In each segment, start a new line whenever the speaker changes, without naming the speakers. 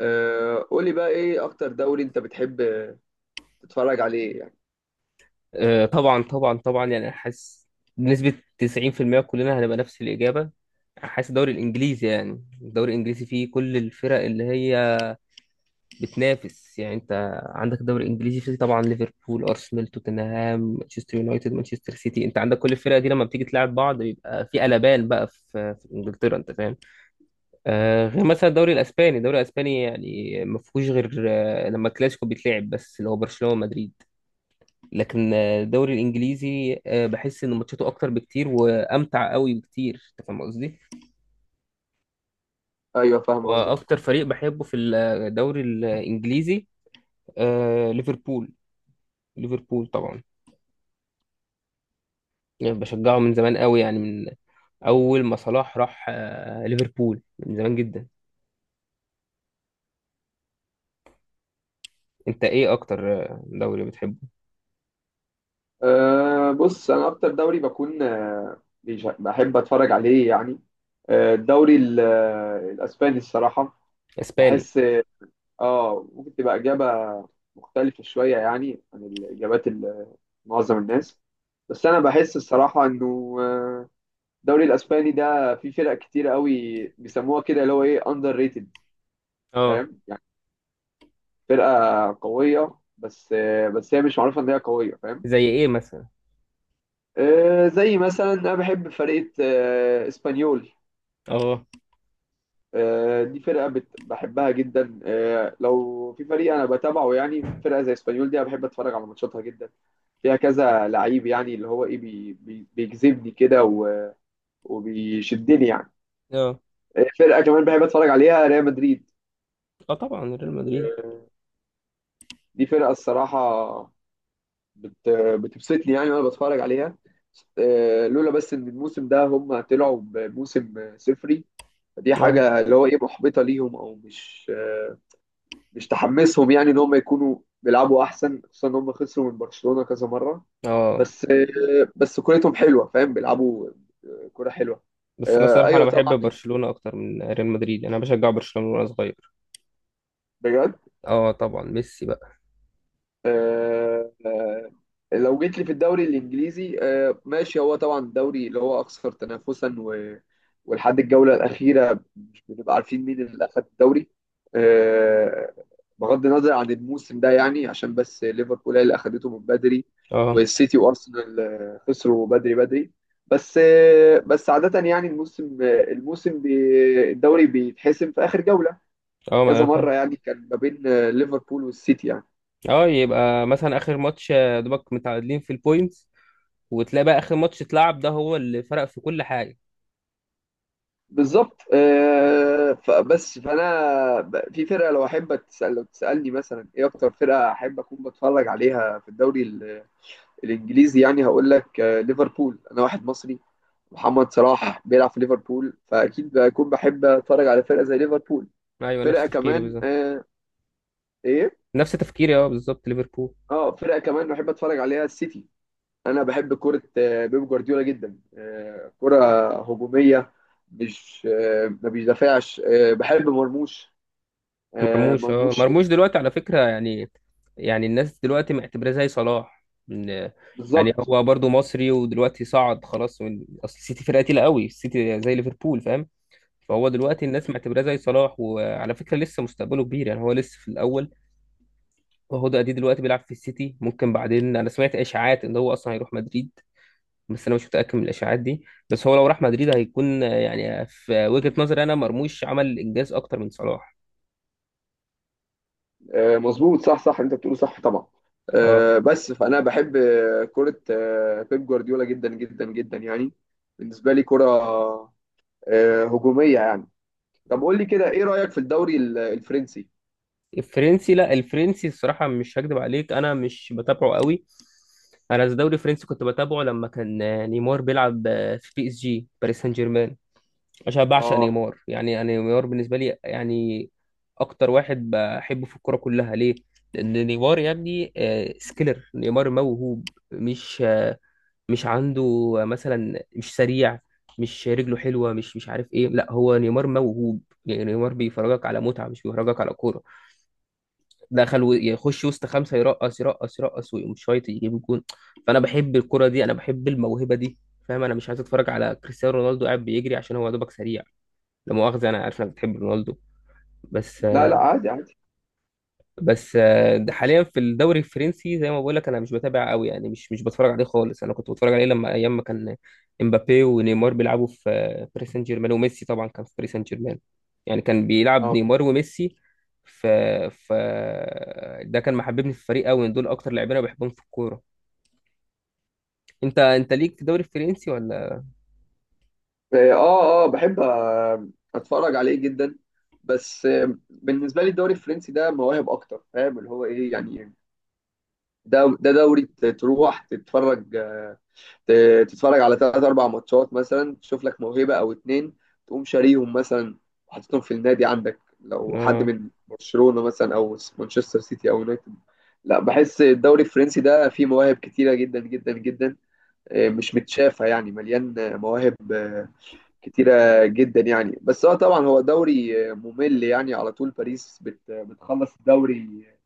قولي بقى ايه اكتر دوري انت بتحب تتفرج عليه يعني.
طبعا طبعا طبعا يعني أنا حاسس بنسبة 90% كلنا هنبقى نفس الإجابة. حاسس الدوري الإنجليزي، يعني الدوري الإنجليزي فيه كل الفرق اللي هي بتنافس. يعني أنت عندك الدوري الإنجليزي فيه طبعا ليفربول، أرسنال، توتنهام، مانشستر يونايتد، مانشستر سيتي، أنت عندك كل الفرق دي لما بتيجي تلعب بعض بيبقى في قلبان بقى في إنجلترا، أنت فاهم. آه، غير
مم.
مثلا الدوري الإسباني، الدوري الإسباني يعني ما فيهوش غير لما الكلاسيكو بيتلعب، بس اللي هو برشلونة ومدريد. لكن الدوري الانجليزي بحس ان ماتشاته اكتر بكتير وامتع قوي بكتير، انت فاهم قصدي.
ايوه، فاهم قصدك.
واكتر فريق بحبه في الدوري الانجليزي ليفربول. ليفربول طبعا، يعني بشجعه من زمان قوي، يعني من اول ما صلاح راح ليفربول، من زمان جدا. انت ايه اكتر دوري بتحبه؟
بص انا اكتر دوري بكون بحب اتفرج عليه يعني. آه، الدوري ال- آه، الاسباني الصراحه.
اسباني؟
بحس اه ممكن تبقى اجابه مختلفه شويه يعني عن الاجابات معظم الناس. بس انا بحس الصراحه انه الدوري الاسباني ده فيه فرق كتير قوي بيسموها كده اللي هو ايه اندر ريتد،
اه.
فاهم. فرقة قوية بس هي مش معروفة إن هي قوية، فاهم.
زي ايه مثلا؟
زي مثلا أنا بحب فرقة إسبانيول.
اه.
دي بحبها جدا. لو في فريق أنا بتابعه يعني فرقة زي إسبانيول دي، أنا بحب أتفرج على ماتشاتها جدا. فيها كذا لعيب يعني اللي هو إيه بيجذبني كده وبيشدني يعني.
اه.
فرقة كمان بحب أتفرج عليها، ريال مدريد.
اه طبعا ريال مدريد.
آه، دي فرقة الصراحة بت... بتبسطني يعني وانا بتفرج عليها. لولا بس ان الموسم ده هم طلعوا بموسم صفري. فدي
اه.
حاجه اللي هو ايه محبطه ليهم، او مش تحمسهم يعني ان هم يكونوا بيلعبوا احسن، خصوصا ان هم خسروا من برشلونه كذا مره.
اه
بس كورتهم حلوه، فاهم، بيلعبوا كوره حلوه.
بس انا صراحة انا
ايوه
بحب
طبعا،
برشلونة اكتر من ريال مدريد، انا بشجع برشلونة وانا صغير.
بجد.
اه طبعا، ميسي بقى.
آه، آه، لو جيت لي في الدوري الانجليزي، ماشي، هو طبعا الدوري اللي هو اكثر تنافسا، ولحد الجوله الاخيره مش بنبقى عارفين مين اللي اخذ الدوري. آه، بغض النظر عن الموسم ده يعني، عشان بس ليفربول هي اللي اخذته من بدري،
اه.
والسيتي وارسنال خسروا بدري بدري. بس عاده يعني الموسم آه، الموسم بي... الدوري بيتحسم في اخر جوله
اه ما
كذا
انا فاهم.
مره، يعني كان ما بين ليفربول والسيتي يعني.
اه، يبقى مثلا اخر ماتش دوبك متعادلين في البوينتس، وتلاقي بقى اخر ماتش اتلعب ده هو اللي فرق في كل حاجه.
بالظبط. فبس فانا في فرقه، لو تسالني مثلا ايه اكتر فرقه احب اكون بتفرج عليها في الدوري الانجليزي يعني، هقول لك ليفربول. انا واحد مصري، محمد صلاح بيلعب في ليفربول، فاكيد بكون بحب اتفرج على فرقه زي ليفربول.
ايوه، نفس
فرقه
تفكيري
كمان
بالظبط.
آه ايه
نفس تفكيري، اه بالظبط ليفربول.
اه فرقه كمان بحب اتفرج عليها، السيتي. انا بحب كره بيب جوارديولا جدا. كره هجوميه، مش آه، ما بيدافعش. بحب مرموش
مرموش، اه
ملبوش.
مرموش دلوقتي على فكره، يعني يعني الناس دلوقتي معتبراه زي صلاح. إن- يعني
بالظبط.
هو برضو مصري ودلوقتي صعد خلاص من اصل السيتي فرقه تقيله قوي، السيتي زي ليفربول فاهم. فهو دلوقتي الناس معتبراه زي صلاح، وعلى فكره لسه مستقبله كبير، يعني هو لسه في الاول، وهو دي دلوقتي بيلعب في السيتي. ممكن بعدين انا سمعت اشاعات ان هو اصلا هيروح مدريد، بس انا مش متاكد من الاشاعات دي. بس هو لو راح مدريد هيكون يعني في وجهه نظري انا مرموش عمل انجاز اكتر من صلاح.
مظبوط، صح صح، انت بتقوله صح طبعا.
اه.
بس فانا بحب كرة بيب جوارديولا جدا جدا جدا يعني. بالنسبة لي كرة هجومية يعني. طب قول لي كده، ايه رأيك في الدوري الفرنسي؟
الفرنسي، لا الفرنسي الصراحه مش هكدب عليك انا مش بتابعه قوي. انا الدوري الفرنسي كنت بتابعه لما كان نيمار بيلعب في بي اس جي، باريس سان جيرمان. مش بعشق
اه
نيمار، يعني أنا نيمار بالنسبه لي يعني اكتر واحد بحبه في الكوره كلها. ليه؟ لان نيمار يا ابني سكيلر، نيمار موهوب، مش مش عنده مثلا مش سريع، مش رجله حلوه، مش عارف ايه. لا، هو نيمار موهوب، يعني نيمار بيفرجك على متعه، مش بيفرجك على كوره. دخل يخش وسط خمسه، يرقص يرقص يرقص ويقوم شايط يجيب جون. فانا بحب الكوره دي، انا بحب الموهبه دي فاهم. انا مش عايز اتفرج على كريستيانو رونالدو قاعد بيجري عشان هو يا دوبك سريع. لا مؤاخذة، أنا عارف إنك بتحب رونالدو، بس
لا لا، عادي عادي.
بس ده حاليا في الدوري الفرنسي زي ما بقول لك، أنا مش بتابع قوي، يعني مش بتفرج عليه خالص. أنا كنت بتفرج عليه لما أيام ما كان إمبابي ونيمار بيلعبوا في باريس سان جيرمان، وميسي طبعا كان في باريس سان جيرمان. يعني كان بيلعب
اه
نيمار وميسي. ف ف ده كان محببني في الفريق قوي، دول أكتر لاعبين أنا بحبهم في الكورة. أنت ليك في الدوري الفرنسي ولا؟
اه اه، بحب اتفرج عليه جدا. بس بالنسبة لي الدوري الفرنسي ده مواهب اكتر، فاهم اللي هو ايه يعني. ده دوري تروح تتفرج، تتفرج على ثلاث اربع ماتشات مثلا، تشوف لك موهبه او اتنين، تقوم شاريهم مثلا وحاططهم في النادي عندك، لو حد
آه.
من برشلونه مثلا او مانشستر سيتي او يونايتد. لا، بحس الدوري الفرنسي ده فيه مواهب كتيره جدا جدا جدا. مش متشافه يعني، مليان مواهب كتيره جدا يعني. بس هو طبعا هو دوري ممل يعني. على طول باريس بتخلص الدوري آه،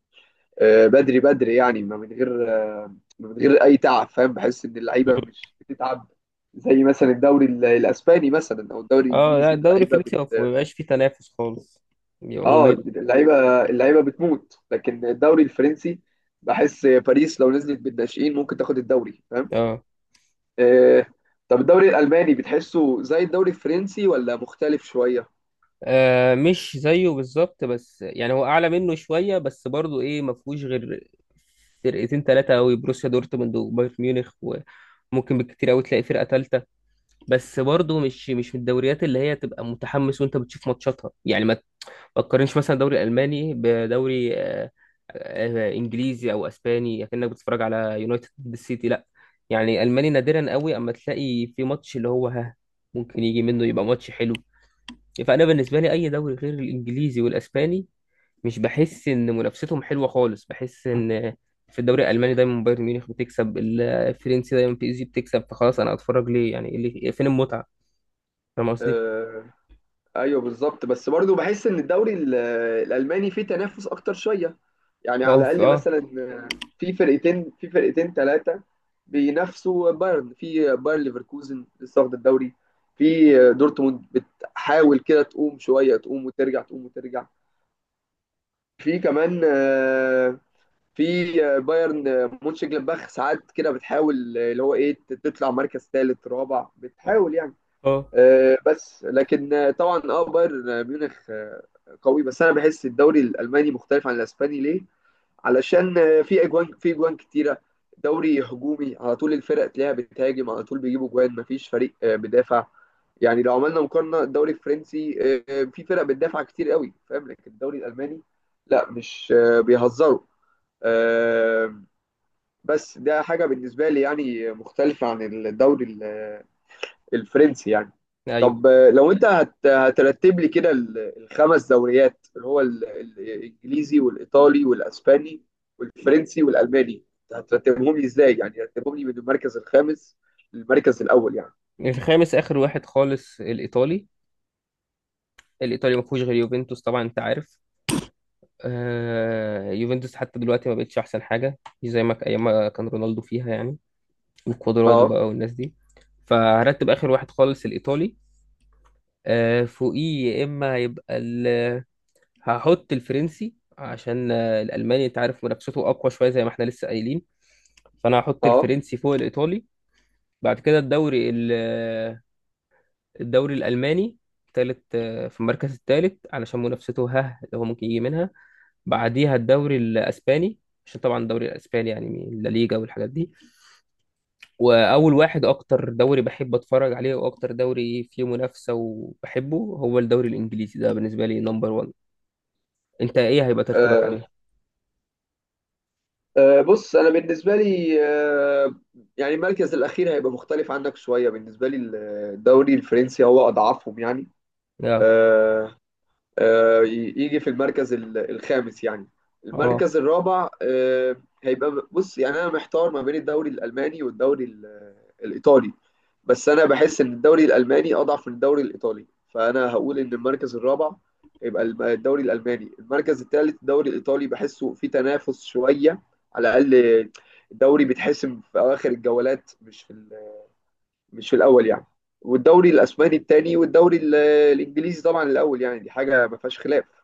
آه، بدري بدري يعني، ما من غير اي تعب، فاهم. بحس ان اللعيبه مش بتتعب، زي مثلا الدوري الاسباني مثلا او الدوري
آه لا،
الانجليزي
الدوري
اللعيبه
الفرنسي ما
بت.
بيبقاش فيه تنافس خالص، بيبقى ممل.
اللعيبه بتموت. لكن الدوري الفرنسي، بحس باريس لو نزلت بالناشئين ممكن تاخد الدوري، فاهم.
اه.
آه، طب الدوري الالماني بتحسه زي الدوري الفرنسي ولا مختلف شويه؟
آه مش زيه بالظبط، بس يعني هو اعلى منه شويه، بس برضو ايه، ما فيهوش غير فرقتين ثلاثه قوي، بروسيا دورتموند وبايرن ميونخ، وممكن بالكتير قوي تلاقي فرقه ثالثه. بس برضو مش من الدوريات اللي هي تبقى متحمس وانت بتشوف ماتشاتها. يعني ما تقارنش مثلا الدوري الالماني بدوري انجليزي او اسباني، كأنك بتتفرج على يونايتد ضد السيتي، لا. يعني الماني نادرا قوي اما تلاقي في ماتش اللي هو ها ممكن يجي منه يبقى ماتش حلو. فانا بالنسبه لي اي دوري غير الانجليزي والاسباني مش بحس ان منافستهم حلوه خالص. بحس ان في الدوري الالماني دايما بايرن ميونخ بتكسب، الفرنسي دايما بي اس جي بتكسب، فخلاص انا اتفرج ليه؟ يعني إيه اللي فين المتعه؟ فاهم قصدي.
آه، ايوه بالظبط. بس برضه بحس ان الدوري الالماني فيه تنافس اكتر شويه، يعني على الاقل
اه.
مثلا في فرقتين ثلاثه بينافسوا بايرن. في بايرن ليفركوزن لسه واخد الدوري، في دورتموند بتحاول كده تقوم شويه، تقوم وترجع تقوم وترجع. في كمان في بايرن مونشنجلادباخ ساعات كده بتحاول اللي هو ايه تطلع مركز ثالث رابع، بتحاول يعني.
اه.
بس لكن طبعا اه بايرن ميونخ قوي. بس انا بحس الدوري الالماني مختلف عن الاسباني، ليه؟ علشان في اجوان كتيره. دوري هجومي على طول، الفرق تلاقيها بتهاجم على طول، بيجيبوا جوان، مفيش فريق بيدافع. يعني لو عملنا مقارنه، الدوري الفرنسي في فرق بتدافع كتير قوي، فاهم. لكن الدوري الالماني لا، مش آه، بيهزروا. آه، بس ده حاجه بالنسبه لي يعني مختلفه عن الدوري الفرنسي يعني.
ايوه.
طب لو انت هترتب لي كده الخمس دوريات اللي هو الانجليزي والايطالي والاسباني والفرنسي والالماني، هترتبهم لي ازاي؟ يعني هترتبهم لي من المركز الخامس للمركز الاول يعني.
الخامس اخر واحد خالص الايطالي. الايطالي ما فيهوش غير يوفنتوس طبعا انت عارف. آه يوفنتوس حتى دلوقتي ما بقتش احسن حاجه، مش زي ما ايام ما كان رونالدو فيها يعني، وكوادرادو
اه
بقى والناس دي. فهرتب اخر واحد خالص الايطالي. فوقيه يا اما هيبقى هحط الفرنسي، عشان الالماني انت عارف منافسته اقوى شويه زي ما احنا لسه قايلين. فانا هحط
اه.
الفرنسي فوق الايطالي. بعد كده الدوري الدوري الالماني تالت في المركز الثالث، علشان منافسته ها اللي هو ممكن يجي منها. بعديها الدوري الاسباني، عشان طبعا الدوري الاسباني يعني لا ليجا والحاجات دي. واول واحد، اكتر دوري بحب اتفرج عليه، واكتر دوري فيه منافسه وبحبه، هو الدوري الانجليزي، ده بالنسبه لي نمبر واحد. انت ايه هيبقى ترتيبك
آه،
عليهم؟
بص انا بالنسبه لي يعني المركز الاخير هيبقى مختلف عنك شويه. بالنسبه لي الدوري الفرنسي هو اضعفهم يعني.
اه.
آه، يجي في المركز الخامس يعني.
اه.
المركز الرابع هيبقى، بص يعني انا محتار ما بين الدوري الالماني والدوري الايطالي. بس انا بحس ان الدوري الالماني اضعف من الدوري الايطالي، فانا هقول ان المركز الرابع هيبقى الدوري الالماني، المركز الثالث الدوري الايطالي بحسه في تنافس شويه على الاقل، الدوري بيتحسم في اواخر الجولات، مش في مش في الاول يعني. والدوري الاسباني الثاني، والدوري الانجليزي طبعا الاول يعني. دي حاجه ما فيهاش خلاف.